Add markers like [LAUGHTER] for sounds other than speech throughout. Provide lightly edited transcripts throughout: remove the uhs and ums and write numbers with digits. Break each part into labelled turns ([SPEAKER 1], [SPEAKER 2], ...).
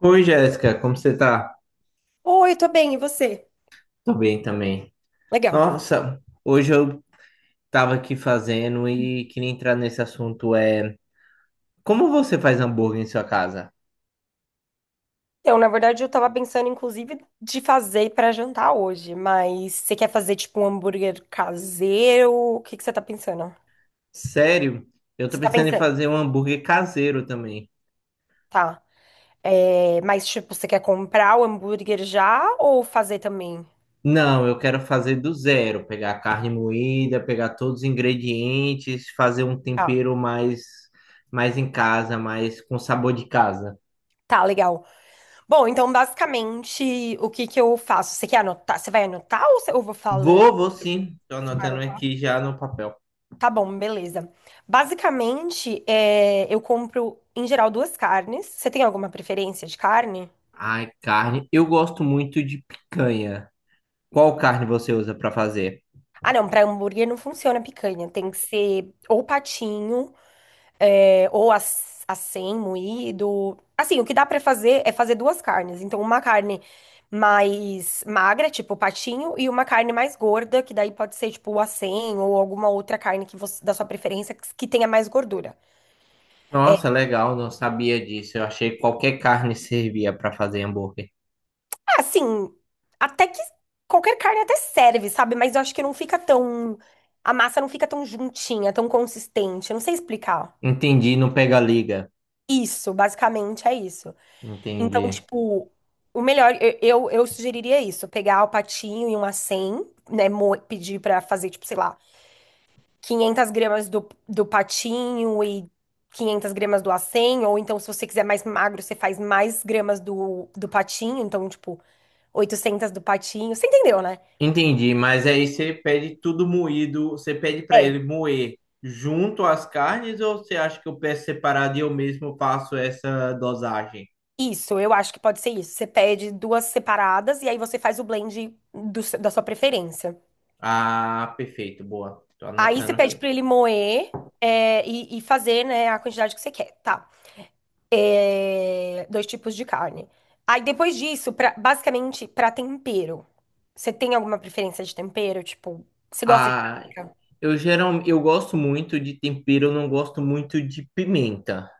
[SPEAKER 1] Oi, Jéssica, como você tá?
[SPEAKER 2] Oi, tô bem, e você?
[SPEAKER 1] Tô bem também.
[SPEAKER 2] Legal.
[SPEAKER 1] Nossa, hoje eu tava aqui fazendo e queria entrar nesse assunto. É, como você faz hambúrguer em sua casa?
[SPEAKER 2] Então, na verdade, eu tava pensando, inclusive, de fazer pra jantar hoje, mas você quer fazer, tipo, um hambúrguer caseiro? O que que você tá pensando?
[SPEAKER 1] Sério? Eu tô
[SPEAKER 2] Você tá
[SPEAKER 1] pensando em
[SPEAKER 2] pensando,
[SPEAKER 1] fazer um hambúrguer caseiro também.
[SPEAKER 2] tá. É, mas, tipo, você quer comprar o hambúrguer já ou fazer também?
[SPEAKER 1] Não, eu quero fazer do zero, pegar carne moída, pegar todos os ingredientes, fazer um
[SPEAKER 2] Ah,
[SPEAKER 1] tempero mais em casa, mais com sabor de casa.
[SPEAKER 2] tá, legal. Bom, então, basicamente, o que que eu faço? Você quer anotar? Você vai anotar ou eu vou falando?
[SPEAKER 1] Vou sim. Tô
[SPEAKER 2] Você vai
[SPEAKER 1] anotando
[SPEAKER 2] anotar?
[SPEAKER 1] aqui já no papel.
[SPEAKER 2] Tá bom, beleza. Basicamente, é, eu compro, em geral, duas carnes. Você tem alguma preferência de carne?
[SPEAKER 1] Ai, carne. Eu gosto muito de picanha. Qual carne você usa para fazer?
[SPEAKER 2] Ah, não, pra hambúrguer não funciona a picanha. Tem que ser ou patinho, é, ou acém, moído. Assim, o que dá pra fazer é fazer duas carnes. Então, uma carne mais magra, tipo patinho, e uma carne mais gorda, que daí pode ser, tipo, o acém ou alguma outra carne que você, da sua preferência que tenha mais gordura.
[SPEAKER 1] Nossa, legal, não sabia disso. Eu achei que qualquer carne servia para fazer hambúrguer.
[SPEAKER 2] Ah, assim, até que qualquer carne até serve, sabe? Mas eu acho que não fica tão. A massa não fica tão juntinha, tão consistente. Eu não sei explicar.
[SPEAKER 1] Entendi, não pega liga.
[SPEAKER 2] Isso, basicamente é isso. Então,
[SPEAKER 1] Entendi.
[SPEAKER 2] tipo, o melhor, eu sugeriria isso: pegar o patinho e um 100, né? Pedir pra fazer, tipo, sei lá, 500 gramas do patinho e 500 gramas do acém. Ou então, se você quiser mais magro, você faz mais gramas do patinho. Então, tipo, 800 do patinho. Você entendeu, né?
[SPEAKER 1] Entendi, mas aí você pede tudo moído, você pede para
[SPEAKER 2] É,
[SPEAKER 1] ele moer junto às carnes ou você acha que eu peço separado e eu mesmo faço essa dosagem?
[SPEAKER 2] isso, eu acho que pode ser isso. Você pede duas separadas e aí você faz o blend do se- da sua preferência.
[SPEAKER 1] Ah, perfeito, boa. Tô
[SPEAKER 2] Aí você
[SPEAKER 1] anotando
[SPEAKER 2] pede
[SPEAKER 1] aqui.
[SPEAKER 2] pra ele moer e fazer, né, a quantidade que você quer, tá? É, dois tipos de carne. Aí depois disso, basicamente, pra tempero. Você tem alguma preferência de tempero? Tipo, você gosta de
[SPEAKER 1] Ah,
[SPEAKER 2] páprica?
[SPEAKER 1] Eu geral, eu gosto muito de tempero, eu não gosto muito de pimenta.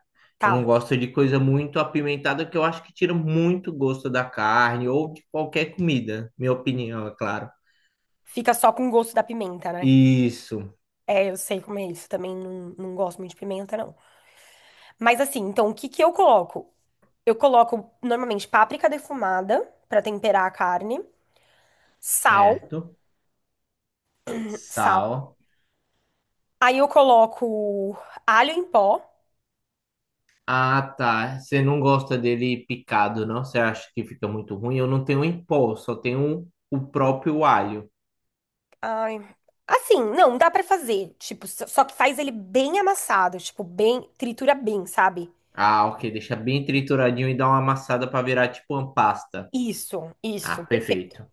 [SPEAKER 1] Eu não
[SPEAKER 2] Tá.
[SPEAKER 1] gosto de coisa muito apimentada, que eu acho que tira muito gosto da carne ou de qualquer comida, minha opinião, é claro.
[SPEAKER 2] Fica só com o gosto da pimenta, né?
[SPEAKER 1] Isso,
[SPEAKER 2] É, eu sei como é isso. Também não, não gosto muito de pimenta, não. Mas assim, então o que que eu coloco? Eu coloco normalmente páprica defumada pra temperar a carne, sal,
[SPEAKER 1] certo.
[SPEAKER 2] sal.
[SPEAKER 1] Sal.
[SPEAKER 2] Aí eu coloco alho em pó.
[SPEAKER 1] Ah, tá. Você não gosta dele picado, não? Você acha que fica muito ruim? Eu não tenho em pó, só tenho o próprio alho.
[SPEAKER 2] Ai, assim, não, dá pra fazer, tipo, só que faz ele bem amassado, tipo, bem, tritura bem, sabe?
[SPEAKER 1] Ah, ok. Deixa bem trituradinho e dá uma amassada para virar tipo uma pasta.
[SPEAKER 2] Isso,
[SPEAKER 1] Ah,
[SPEAKER 2] isso, perfeito.
[SPEAKER 1] perfeito.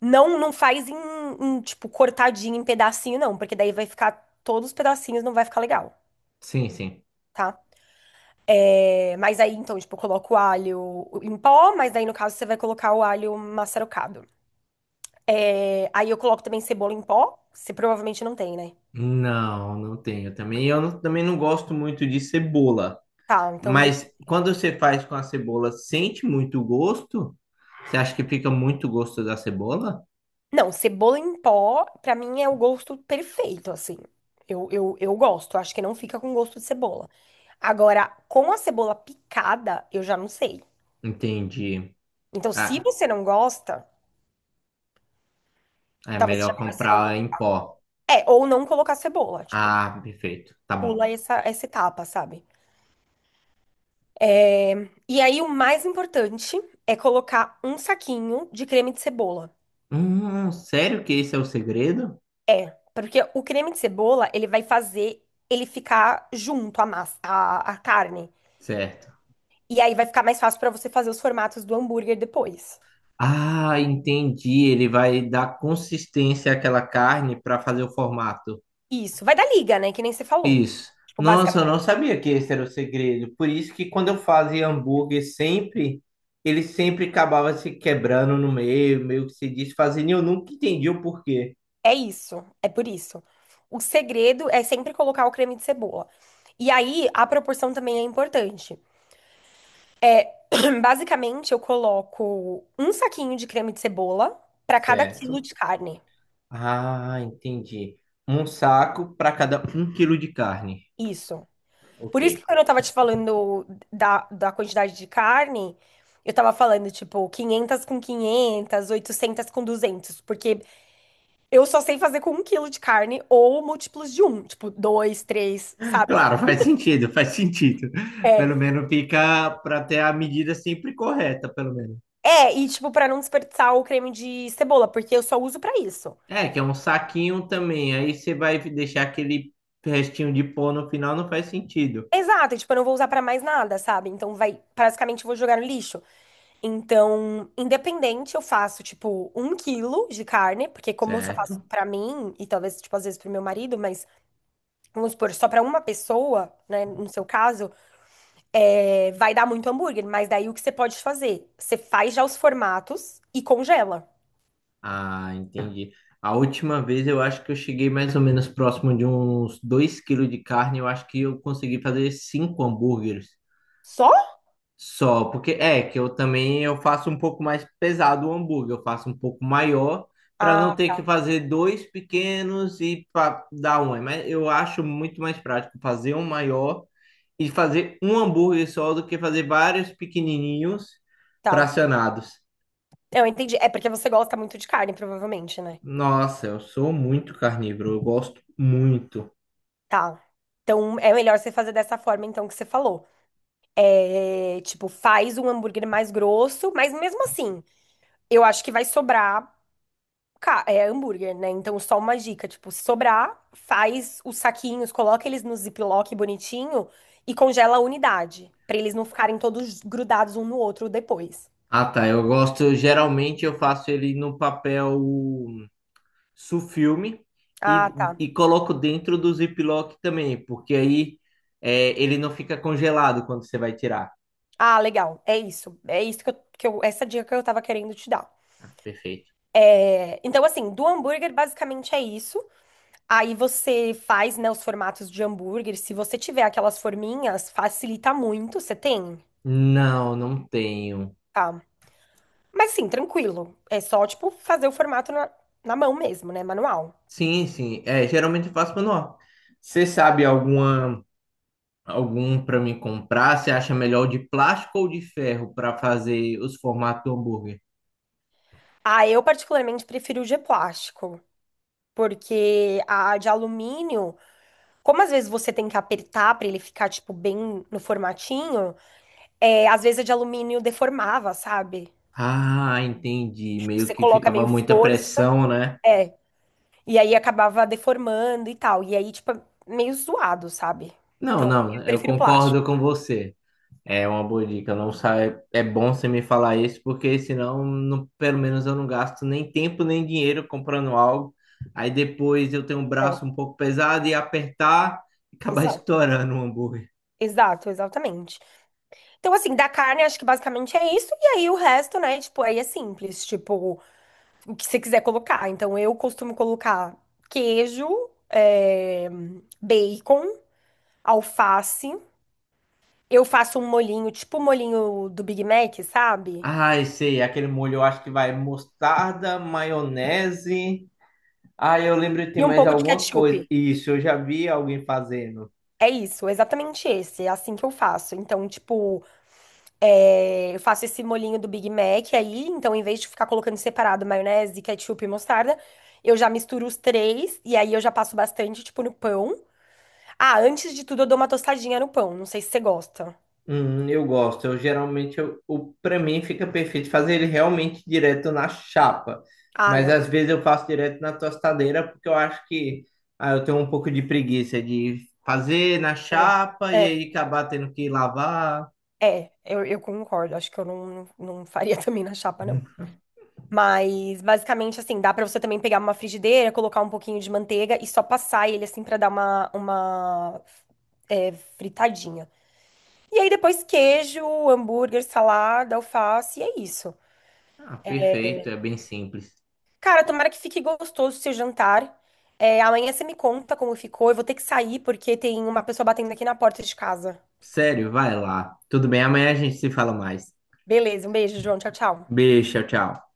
[SPEAKER 2] Não, não faz em, tipo cortadinho em pedacinho não, porque daí vai ficar todos os pedacinhos, não vai ficar legal.
[SPEAKER 1] Sim, sim.
[SPEAKER 2] Tá? É, mas aí, então, tipo, eu coloco o alho em pó, mas aí, no caso, você vai colocar o alho maçarocado. É, aí eu coloco também cebola em pó. Você provavelmente não tem, né?
[SPEAKER 1] Não, não tenho também. Eu não- também não gosto muito de cebola.
[SPEAKER 2] Tá, então deixa.
[SPEAKER 1] Mas quando você faz com a cebola, sente muito o gosto? Você acha que fica muito gosto da cebola?
[SPEAKER 2] Não, cebola em pó, pra mim é o gosto perfeito, assim. Eu gosto, acho que não fica com gosto de cebola. Agora, com a cebola picada, eu já não sei.
[SPEAKER 1] Entendi.
[SPEAKER 2] Então, se
[SPEAKER 1] Ah,
[SPEAKER 2] você não gosta,
[SPEAKER 1] é
[SPEAKER 2] talvez seja
[SPEAKER 1] melhor
[SPEAKER 2] melhor você não
[SPEAKER 1] comprar em
[SPEAKER 2] colocar.
[SPEAKER 1] pó.
[SPEAKER 2] É, ou não colocar cebola, tipo,
[SPEAKER 1] Ah, perfeito. Tá bom.
[SPEAKER 2] pula essa etapa, sabe? E aí, o mais importante é colocar um saquinho de creme de cebola.
[SPEAKER 1] Sério que esse é o segredo?
[SPEAKER 2] É, porque o creme de cebola, ele vai fazer ele ficar junto à massa, à carne.
[SPEAKER 1] Certo.
[SPEAKER 2] E aí vai ficar mais fácil pra você fazer os formatos do hambúrguer depois.
[SPEAKER 1] Ah, entendi. Ele vai dar consistência àquela carne para fazer o formato.
[SPEAKER 2] Isso, vai dar liga, né? Que nem você falou.
[SPEAKER 1] Isso.
[SPEAKER 2] Tipo,
[SPEAKER 1] Nossa, eu
[SPEAKER 2] basicamente
[SPEAKER 1] não sabia que esse era o segredo. Por isso que quando eu fazia hambúrguer sempre, ele sempre acabava se quebrando no meio, meio que se desfazendo, e eu nunca entendi o porquê.
[SPEAKER 2] é isso, é por isso. O segredo é sempre colocar o creme de cebola. E aí a proporção também é importante. É, [CLEARS THROAT] basicamente eu coloco um saquinho de creme de cebola pra cada quilo
[SPEAKER 1] Certo.
[SPEAKER 2] de carne.
[SPEAKER 1] Ah, entendi. Um saco para cada um quilo de carne.
[SPEAKER 2] Isso.
[SPEAKER 1] Ok.
[SPEAKER 2] Por isso que quando eu tava te falando da quantidade de carne, eu tava falando, tipo, 500 com 500, 800 com 200, porque eu só sei fazer com um quilo de carne ou múltiplos de um, tipo, dois, três, sabe?
[SPEAKER 1] Claro, faz sentido, faz sentido. Pelo
[SPEAKER 2] É,
[SPEAKER 1] menos fica para ter a medida sempre correta, pelo menos.
[SPEAKER 2] é, e, tipo, pra não desperdiçar o creme de cebola, porque eu só uso pra isso.
[SPEAKER 1] É, que é um saquinho também. Aí você vai deixar aquele restinho de pó no final, não faz sentido.
[SPEAKER 2] Exato, e, tipo, eu não vou usar pra mais nada, sabe? Então vai, basicamente, eu vou jogar no lixo. Então, independente, eu faço, tipo, um quilo de carne, porque como eu só faço
[SPEAKER 1] Certo?
[SPEAKER 2] pra mim, e talvez, tipo, às vezes pro meu marido, mas vamos supor, só para uma pessoa, né, no seu caso, vai dar muito hambúrguer, mas daí o que você pode fazer? Você faz já os formatos e congela.
[SPEAKER 1] Ah, entendi. A última vez eu acho que eu cheguei mais ou menos próximo de uns 2 quilos de carne. Eu acho que eu consegui fazer cinco hambúrgueres
[SPEAKER 2] Só?
[SPEAKER 1] só. Porque é que eu também eu faço um pouco mais pesado o hambúrguer. Eu faço um pouco maior para não
[SPEAKER 2] Ah,
[SPEAKER 1] ter que
[SPEAKER 2] tá.
[SPEAKER 1] fazer dois pequenos e para dar um. Mas eu acho muito mais prático fazer um maior e fazer um hambúrguer só do que fazer vários pequenininhos
[SPEAKER 2] Tá.
[SPEAKER 1] fracionados.
[SPEAKER 2] Eu entendi. É porque você gosta muito de carne, provavelmente, né?
[SPEAKER 1] Nossa, eu sou muito carnívoro, eu gosto muito.
[SPEAKER 2] Tá. Então é melhor você fazer dessa forma, então, que você falou. É, tipo, faz um hambúrguer mais grosso, mas mesmo assim, eu acho que vai sobrar. É hambúrguer, né? Então, só uma dica, tipo, se sobrar, faz os saquinhos, coloca eles no ziploc bonitinho e congela a unidade, pra eles não ficarem todos grudados um no outro depois.
[SPEAKER 1] Ah, tá, eu gosto, geralmente eu faço ele no papel sulfilme e,
[SPEAKER 2] Ah, tá.
[SPEAKER 1] e coloco dentro do Ziploc também, porque aí é, ele não fica congelado quando você vai tirar.
[SPEAKER 2] Ah, legal. É isso. É isso essa dica que eu tava querendo te dar.
[SPEAKER 1] Perfeito.
[SPEAKER 2] É, então, assim, do hambúrguer basicamente é isso. Aí você faz, né, os formatos de hambúrguer. Se você tiver aquelas forminhas, facilita muito. Você tem?
[SPEAKER 1] Não, não tenho.
[SPEAKER 2] Tá. Mas assim, tranquilo. É só, tipo, fazer o formato na mão mesmo, né? Manual.
[SPEAKER 1] Sim, sim, é, geralmente eu faço manual. Você sabe alguma, algum para me comprar? Você acha melhor o de plástico ou de ferro para fazer os formatos do hambúrguer?
[SPEAKER 2] Ah, eu particularmente prefiro o de plástico, porque a de alumínio, como às vezes você tem que apertar pra ele ficar, tipo, bem no formatinho, às vezes a de alumínio deformava, sabe?
[SPEAKER 1] Ah, entendi.
[SPEAKER 2] Tipo,
[SPEAKER 1] Meio
[SPEAKER 2] você
[SPEAKER 1] que
[SPEAKER 2] coloca
[SPEAKER 1] ficava
[SPEAKER 2] meio
[SPEAKER 1] muita
[SPEAKER 2] força,
[SPEAKER 1] pressão, né?
[SPEAKER 2] é, e aí acabava deformando e tal. E aí, tipo, é meio zoado, sabe?
[SPEAKER 1] Não,
[SPEAKER 2] Então,
[SPEAKER 1] não,
[SPEAKER 2] eu
[SPEAKER 1] eu
[SPEAKER 2] prefiro plástico.
[SPEAKER 1] concordo com você. É uma boa dica. Não sai... É bom você me falar isso, porque senão, pelo menos, eu não gasto nem tempo nem dinheiro comprando algo. Aí depois eu tenho um
[SPEAKER 2] É,
[SPEAKER 1] braço um pouco pesado e apertar e acabar [LAUGHS]
[SPEAKER 2] exato.
[SPEAKER 1] estourando o hambúrguer.
[SPEAKER 2] Exato, exatamente. Então, assim, da carne, acho que basicamente é isso. E aí o resto, né? Tipo, aí é simples. Tipo, o que você quiser colocar. Então, eu costumo colocar queijo, eh, bacon, alface. Eu faço um molhinho, tipo o molhinho do Big Mac, sabe?
[SPEAKER 1] Ai, sei, aquele molho eu acho que vai mostarda, maionese. Ah, eu lembro que tem
[SPEAKER 2] E um
[SPEAKER 1] mais
[SPEAKER 2] pouco de
[SPEAKER 1] alguma coisa.
[SPEAKER 2] ketchup.
[SPEAKER 1] Isso, eu já vi alguém fazendo.
[SPEAKER 2] É isso, exatamente esse. É assim que eu faço. Então, tipo, é, eu faço esse molhinho do Big Mac aí, então em vez de ficar colocando separado maionese, ketchup e mostarda, eu já misturo os três e aí eu já passo bastante, tipo, no pão. Ah, antes de tudo eu dou uma tostadinha no pão, não sei se você gosta.
[SPEAKER 1] Eu gosto. Eu geralmente, eu, o para mim fica perfeito fazer ele realmente direto na chapa.
[SPEAKER 2] Ah,
[SPEAKER 1] Mas
[SPEAKER 2] não.
[SPEAKER 1] às vezes eu faço direto na tostadeira porque eu acho que eu tenho um pouco de preguiça de fazer na
[SPEAKER 2] É,
[SPEAKER 1] chapa e
[SPEAKER 2] é,
[SPEAKER 1] aí acabar tendo que lavar.
[SPEAKER 2] é, eu concordo, acho que eu não, não faria [LAUGHS] também na chapa, não. Mas basicamente assim, dá pra você também pegar uma frigideira, colocar um pouquinho de manteiga e só passar ele assim pra dar uma é, fritadinha. E aí depois queijo, hambúrguer, salada, alface, e é isso.
[SPEAKER 1] Ah, perfeito, é bem simples.
[SPEAKER 2] Cara, tomara que fique gostoso o seu jantar. É, amanhã você me conta como ficou. Eu vou ter que sair porque tem uma pessoa batendo aqui na porta de casa.
[SPEAKER 1] Sério, vai lá. Tudo bem, amanhã a gente se fala mais.
[SPEAKER 2] Beleza, um beijo, João. Tchau, tchau.
[SPEAKER 1] Beijo, tchau, tchau.